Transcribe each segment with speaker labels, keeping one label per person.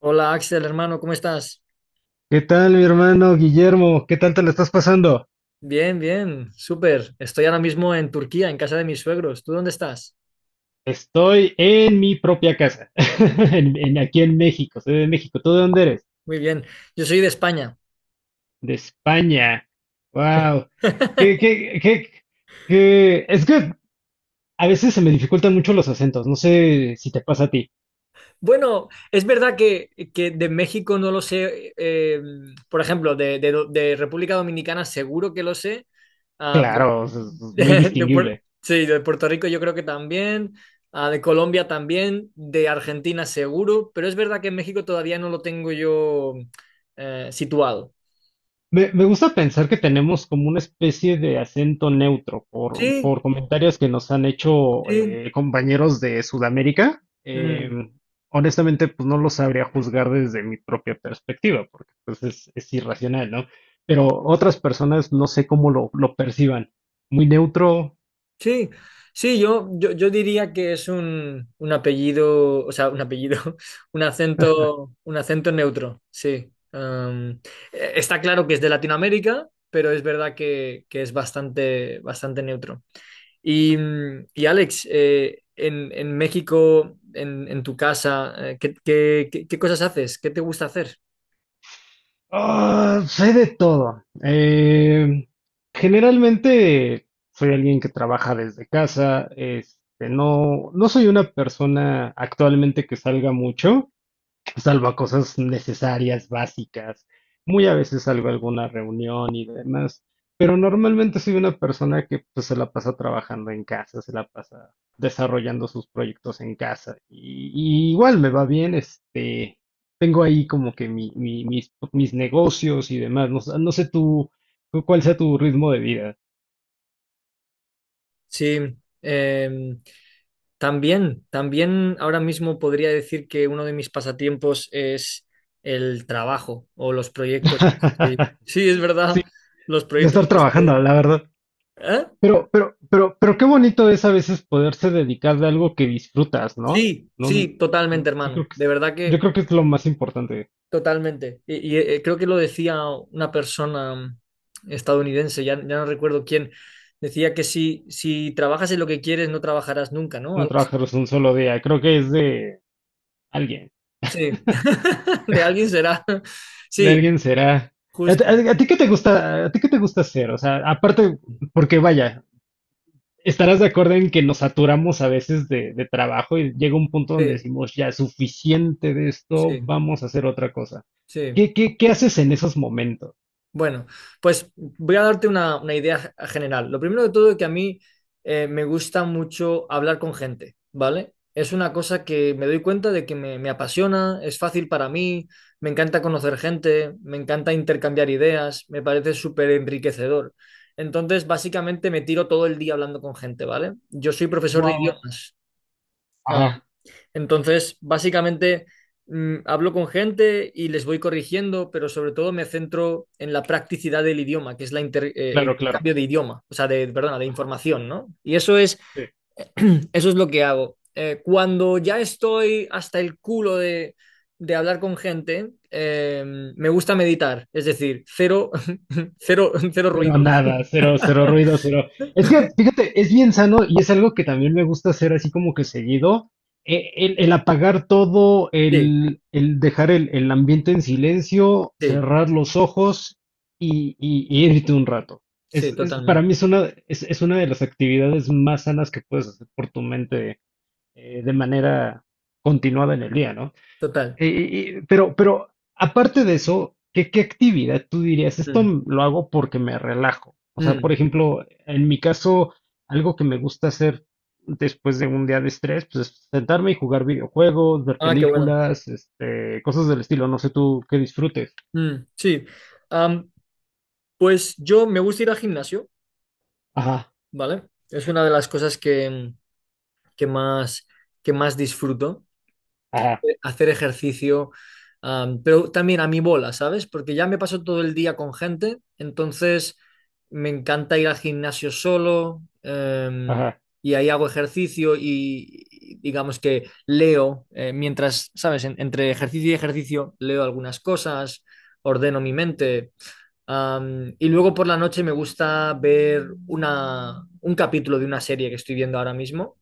Speaker 1: Hola Axel, hermano, ¿cómo estás?
Speaker 2: ¿Qué tal, mi hermano Guillermo? ¿Qué tal te la estás pasando?
Speaker 1: Bien, bien, súper. Estoy ahora mismo en Turquía, en casa de mis suegros. ¿Tú dónde estás?
Speaker 2: Estoy en mi propia casa, aquí en México, soy de México. ¿Tú de dónde eres?
Speaker 1: Muy bien. Yo soy de España.
Speaker 2: De España. Wow. ¿Qué, qué, qué, qué? Es que a veces se me dificultan mucho los acentos. No sé si te pasa a ti.
Speaker 1: Bueno, es verdad que, de México no lo sé. Por ejemplo, de República Dominicana seguro que lo sé. Ah,
Speaker 2: Claro, es
Speaker 1: de,
Speaker 2: muy distinguible.
Speaker 1: sí, de Puerto Rico yo creo que también. Ah, de Colombia también. De Argentina seguro. Pero es verdad que en México todavía no lo tengo yo situado.
Speaker 2: Me gusta pensar que tenemos como una especie de acento neutro por,
Speaker 1: Sí,
Speaker 2: por comentarios que nos han hecho
Speaker 1: sí.
Speaker 2: compañeros de Sudamérica. Eh,
Speaker 1: Mm,
Speaker 2: honestamente, pues no lo sabría juzgar desde mi propia perspectiva, porque pues es irracional, ¿no? Pero otras personas no sé cómo lo perciban. Muy neutro.
Speaker 1: sí, sí, yo diría que es un apellido, o sea, un apellido, un acento neutro, sí. Está claro que es de Latinoamérica, pero es verdad que, es bastante, bastante neutro. Y Alex, en México, en tu casa, ¿ qué cosas haces? ¿Qué te gusta hacer?
Speaker 2: Ah, sé de todo. Generalmente soy alguien que trabaja desde casa. Este, no, no soy una persona actualmente que salga mucho salvo cosas necesarias, básicas, muy a veces salgo a alguna reunión y demás, pero normalmente soy una persona que pues, se la pasa trabajando en casa, se la pasa desarrollando sus proyectos en casa y igual me va bien, este, tengo ahí como que mis negocios y demás, no, sé- no sé tú, tú cuál sea tu ritmo de vida.
Speaker 1: Sí, em, también, ahora mismo podría decir que uno de mis pasatiempos es el trabajo o los proyectos. Sí, es verdad,
Speaker 2: Sí,
Speaker 1: los
Speaker 2: ya
Speaker 1: proyectos
Speaker 2: estar
Speaker 1: que estoy.
Speaker 2: trabajando, la verdad.
Speaker 1: ¿Eh?
Speaker 2: Pero qué bonito es a veces poderse dedicar de algo que disfrutas, ¿no?
Speaker 1: Sí,
Speaker 2: No,
Speaker 1: sí,
Speaker 2: no,
Speaker 1: totalmente,
Speaker 2: yo
Speaker 1: hermano.
Speaker 2: creo que
Speaker 1: De
Speaker 2: es,
Speaker 1: verdad
Speaker 2: yo
Speaker 1: que
Speaker 2: creo que es lo más importante,
Speaker 1: totalmente. Y creo que lo decía una persona estadounidense, ya no recuerdo quién. Decía que si, trabajas en lo que quieres, no trabajarás nunca, ¿no?
Speaker 2: no
Speaker 1: Algo así.
Speaker 2: trabajar un solo día, creo que es alguien,
Speaker 1: Sí, de alguien será.
Speaker 2: de
Speaker 1: Sí,
Speaker 2: alguien será.
Speaker 1: justo.
Speaker 2: A ti qué te gusta, a ti qué te gusta hacer? O sea, aparte, porque vaya, estarás de acuerdo en que nos saturamos a veces de trabajo y llega un punto donde
Speaker 1: Sí,
Speaker 2: decimos, ya, suficiente de esto,
Speaker 1: sí.
Speaker 2: vamos a hacer otra cosa.
Speaker 1: Sí,
Speaker 2: ¿Qué haces en esos momentos?
Speaker 1: bueno, pues voy a darte una, idea general. Lo primero de todo es que a mí me gusta mucho hablar con gente, ¿vale? Es una cosa que me doy cuenta de que me apasiona, es fácil para mí, me encanta conocer gente, me encanta intercambiar ideas, me parece súper enriquecedor. Entonces, básicamente me tiro todo el día hablando con gente, ¿vale? Yo soy profesor de
Speaker 2: Wow.
Speaker 1: idiomas. ah,
Speaker 2: Ajá,
Speaker 1: Entonces, básicamente, hablo con gente y les voy corrigiendo, pero sobre todo me centro en la practicidad del idioma, que es el
Speaker 2: claro, claro.
Speaker 1: intercambio de idioma, o sea, de, perdona, de información, ¿no? Y eso es,
Speaker 2: Sí.
Speaker 1: eso es lo que hago. Cuando ya estoy hasta el culo de, hablar con gente, me gusta meditar, es decir, cero, cero, cero
Speaker 2: Pero
Speaker 1: ruidos.
Speaker 2: nada, cero, cero ruido, cero. Es que, fíjate, es bien sano y es algo que también me gusta hacer así como que seguido. El, el apagar todo,
Speaker 1: Sí,
Speaker 2: el dejar el ambiente en silencio,
Speaker 1: sí,
Speaker 2: cerrar los ojos y, y irte un rato.
Speaker 1: sí,
Speaker 2: Es, para
Speaker 1: totalmente,
Speaker 2: mí es una de las actividades más sanas que puedes hacer por tu mente de manera continuada en el día, ¿no?
Speaker 1: total.
Speaker 2: Pero aparte de eso, ¿qué actividad tú dirías? Esto
Speaker 1: Mm,
Speaker 2: lo hago porque me relajo. O sea,
Speaker 1: mm.
Speaker 2: por ejemplo, en mi caso, algo que me gusta hacer después de un día de estrés, pues es sentarme y jugar videojuegos, ver
Speaker 1: Ah, qué bueno.
Speaker 2: películas, este, cosas del estilo. No sé tú qué disfrutes.
Speaker 1: Mm, sí. Am, Pues yo me gusta ir al gimnasio,
Speaker 2: Ajá,
Speaker 1: ¿vale? Es una de las cosas que, más, que más disfruto,
Speaker 2: ajá,
Speaker 1: hacer ejercicio, pero también a mi bola, ¿sabes? Porque ya me paso todo el día con gente, entonces me encanta ir al gimnasio solo,
Speaker 2: ajá.
Speaker 1: y ahí hago ejercicio y, digamos que leo, mientras, ¿sabes? Entre ejercicio y ejercicio leo algunas cosas, ordeno mi mente. Y luego por la noche me gusta ver una, un capítulo de una serie que estoy viendo ahora mismo.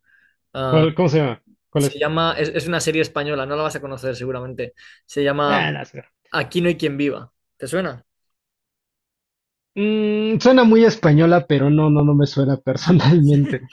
Speaker 1: Ah,
Speaker 2: ¿Cuál, cómo se llama? ¿Cuál
Speaker 1: se
Speaker 2: es?
Speaker 1: llama, es una serie española, no la vas a conocer seguramente. Se llama
Speaker 2: Ah, no sé.
Speaker 1: Aquí no hay quien viva. ¿Te suena?
Speaker 2: Mm, suena muy española, pero no, no, no me suena personalmente.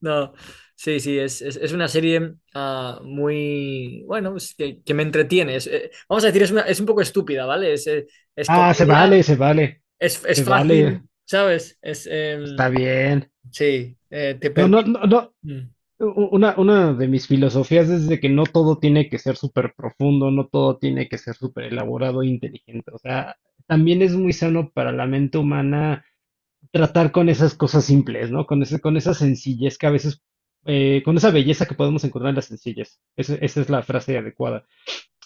Speaker 1: No, sí, sí, es una serie muy, bueno, es que, me entretiene. Vamos a decir, es un poco estúpida, ¿vale? Es
Speaker 2: Ah, se vale,
Speaker 1: comedia,
Speaker 2: se vale,
Speaker 1: es,
Speaker 2: se vale.
Speaker 1: fácil, ¿sabes? Es,
Speaker 2: Está
Speaker 1: em,
Speaker 2: bien.
Speaker 1: sí, te
Speaker 2: No, no,
Speaker 1: permite.
Speaker 2: no, no.
Speaker 1: Mm.
Speaker 2: Una de mis filosofías es de que no todo tiene que ser súper profundo, no todo tiene que ser súper elaborado e inteligente. O sea, también es muy sano para la mente humana tratar con esas cosas simples, ¿no? Con ese, con esa sencillez que a veces, con esa belleza que podemos encontrar en las sencillez. Esa es la frase adecuada.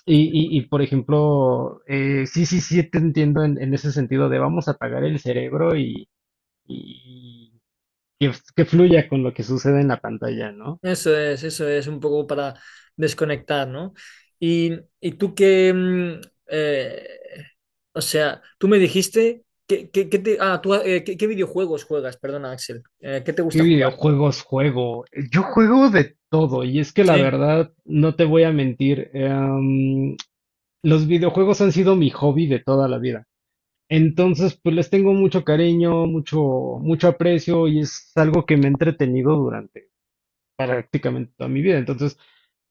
Speaker 2: Y, y, por ejemplo, sí, sí, sí, te entiendo en ese sentido de vamos a apagar el cerebro y, y que fluya con lo que sucede en la pantalla, ¿no?
Speaker 1: Eso es un poco para desconectar, ¿no? Y, y tú que, eh, o sea, tú me dijiste que te, ah, tú, ¿qué, videojuegos juegas? Perdona, Axel. ¿Qué te
Speaker 2: ¿Qué
Speaker 1: gusta jugar?
Speaker 2: videojuegos juego? Yo juego de todo y es que la
Speaker 1: Sí.
Speaker 2: verdad, no te voy a mentir, los videojuegos han sido mi hobby de toda la vida. Entonces, pues les tengo mucho cariño, mucho, mucho aprecio y es algo que me ha entretenido durante prácticamente toda mi vida. Entonces,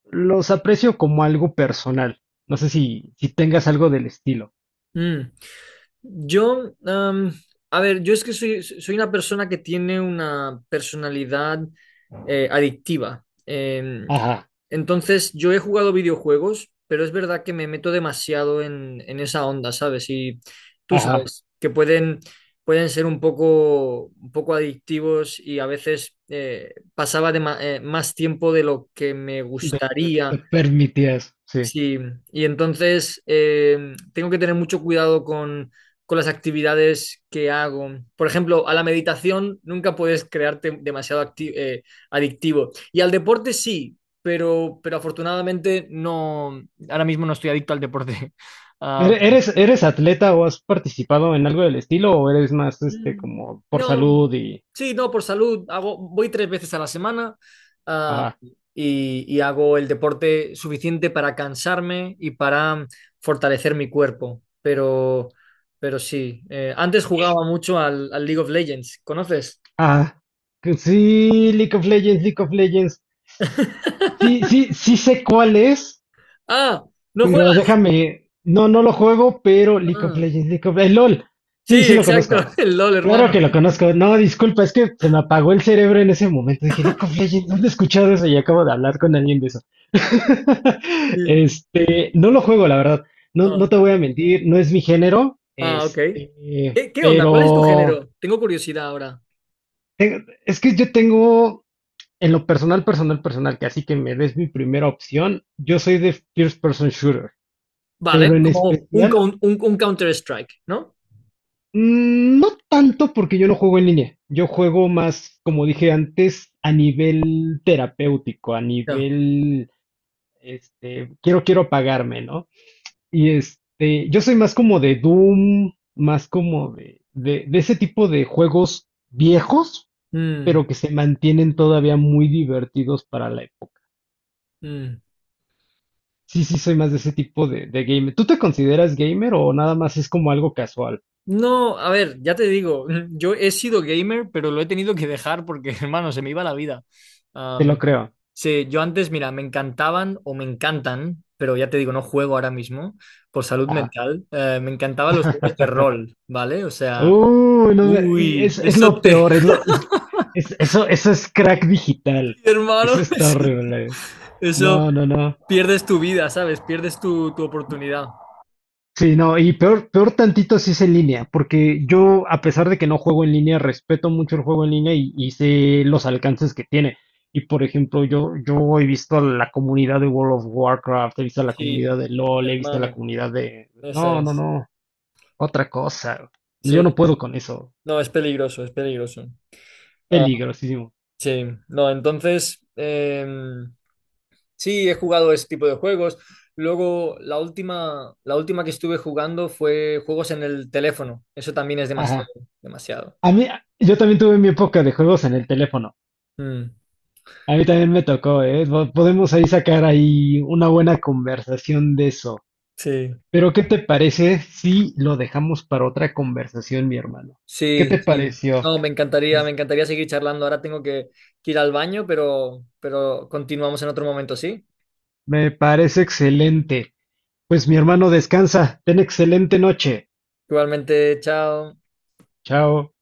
Speaker 2: los aprecio como algo personal. No sé si, si tengas algo del estilo.
Speaker 1: Mm. Yo, a ver, yo es que soy, una persona que tiene una personalidad adictiva.
Speaker 2: Ajá,
Speaker 1: Entonces, yo he jugado videojuegos, pero es verdad que me meto demasiado en, esa onda, ¿sabes? Y tú
Speaker 2: ajá,
Speaker 1: sabes que pueden, ser un poco, adictivos y a veces pasaba más tiempo de lo que me
Speaker 2: de lo que te
Speaker 1: gustaría.
Speaker 2: permitías, sí.
Speaker 1: Sí, y entonces tengo que tener mucho cuidado con, las actividades que hago. Por ejemplo, a la meditación nunca puedes crearte demasiado adictivo. Y al deporte sí, pero, afortunadamente no, ahora mismo no estoy adicto al deporte.
Speaker 2: ¿Eres, eres atleta o has participado en algo del estilo o eres más este
Speaker 1: Mm,
Speaker 2: como por
Speaker 1: no,
Speaker 2: salud y
Speaker 1: sí, no, por salud. Voy tres veces a la semana, ah,
Speaker 2: ah,
Speaker 1: y, hago el deporte suficiente para cansarme y para fortalecer mi cuerpo. Pero, sí, antes jugaba mucho al, League of Legends. ¿Conoces?
Speaker 2: ah, que sí, League of Legends, League of Legends. Sí, sí, sí sé cuál es,
Speaker 1: Ah, ¿no
Speaker 2: pero
Speaker 1: juegas?
Speaker 2: déjame, no, no lo juego, pero League of
Speaker 1: Ah,
Speaker 2: Legends, League of el LOL.
Speaker 1: sí,
Speaker 2: Sí, sí lo
Speaker 1: exacto,
Speaker 2: conozco.
Speaker 1: el LOL,
Speaker 2: Claro que
Speaker 1: hermano.
Speaker 2: lo conozco. No, disculpa, es que se me apagó el cerebro en ese momento. Dije, League of Legends, ¿dónde he escuchado eso? Y acabo de hablar con alguien de eso.
Speaker 1: Sí.
Speaker 2: Este, no lo juego, la verdad. No, no
Speaker 1: Ah,
Speaker 2: te voy a mentir, no es mi género.
Speaker 1: ah, ok.
Speaker 2: Este,
Speaker 1: ¿Qué, onda? ¿Cuál es tu
Speaker 2: pero
Speaker 1: género? Tengo curiosidad ahora.
Speaker 2: es que yo tengo en lo personal, personal, personal, que así que me des mi primera opción. Yo soy de first person shooter,
Speaker 1: Vale,
Speaker 2: pero en
Speaker 1: como un,
Speaker 2: especial.
Speaker 1: coun- un, un Counter-Strike, ¿no?
Speaker 2: Mm, no tanto porque yo no juego en línea. Yo juego más, como dije antes, a nivel terapéutico, a nivel, este, quiero, quiero apagarme, ¿no? Y este, yo soy más como de Doom, más como de ese tipo de juegos viejos,
Speaker 1: Mm,
Speaker 2: pero que se mantienen todavía muy divertidos para la época.
Speaker 1: mm.
Speaker 2: Sí, sí, soy más de ese tipo de gamer. ¿Tú te consideras gamer o nada más es como algo casual?
Speaker 1: No, a ver, ya te digo, yo he sido gamer, pero lo he tenido que dejar porque, hermano, se me iba la vida.
Speaker 2: Te lo
Speaker 1: Am,
Speaker 2: creo.
Speaker 1: sí, yo antes, mira, me encantaban o me encantan, pero ya te digo, no juego ahora mismo por salud
Speaker 2: Ajá.
Speaker 1: mental. Me encantaban los juegos de rol, ¿vale? O sea,
Speaker 2: Uy, no me- y
Speaker 1: uy,
Speaker 2: es lo peor, es lo, eso, eso es crack digital. Eso
Speaker 1: hermano,
Speaker 2: está
Speaker 1: eso,
Speaker 2: horrible.
Speaker 1: eso
Speaker 2: No, no, no.
Speaker 1: pierdes tu vida, ¿sabes? Pierdes tu, oportunidad.
Speaker 2: Sí, no, y peor, peor tantito si es en línea, porque yo, a pesar de que no juego en línea, respeto mucho el juego en línea y sé los alcances que tiene. Y por ejemplo, yo he visto a la comunidad de World of Warcraft, he visto a la
Speaker 1: Sí,
Speaker 2: comunidad de LOL, he visto a la
Speaker 1: hermano,
Speaker 2: comunidad de...
Speaker 1: esa
Speaker 2: No, no,
Speaker 1: es.
Speaker 2: no, otra cosa. Yo
Speaker 1: Sí,
Speaker 2: no puedo con eso.
Speaker 1: no, es peligroso, es peligroso. Ah,
Speaker 2: Peligrosísimo.
Speaker 1: sí, no, entonces em, sí he jugado ese tipo de juegos. Luego la última, que estuve jugando fue juegos en el teléfono. Eso también es demasiado,
Speaker 2: Ajá.
Speaker 1: demasiado.
Speaker 2: A mí, yo también tuve mi época de juegos en el teléfono.
Speaker 1: Mm,
Speaker 2: A mí también me tocó, ¿eh? Podemos ahí sacar ahí una buena conversación de eso.
Speaker 1: sí,
Speaker 2: Pero ¿qué te parece si lo dejamos para otra conversación, mi hermano? ¿Qué
Speaker 1: sí,
Speaker 2: te
Speaker 1: sí.
Speaker 2: pareció?
Speaker 1: No, me encantaría seguir charlando. Ahora tengo que, ir al baño, pero, continuamos en otro momento, ¿sí?
Speaker 2: Me parece excelente. Pues mi hermano, descansa. Ten excelente noche.
Speaker 1: Igualmente, chao.
Speaker 2: Chao.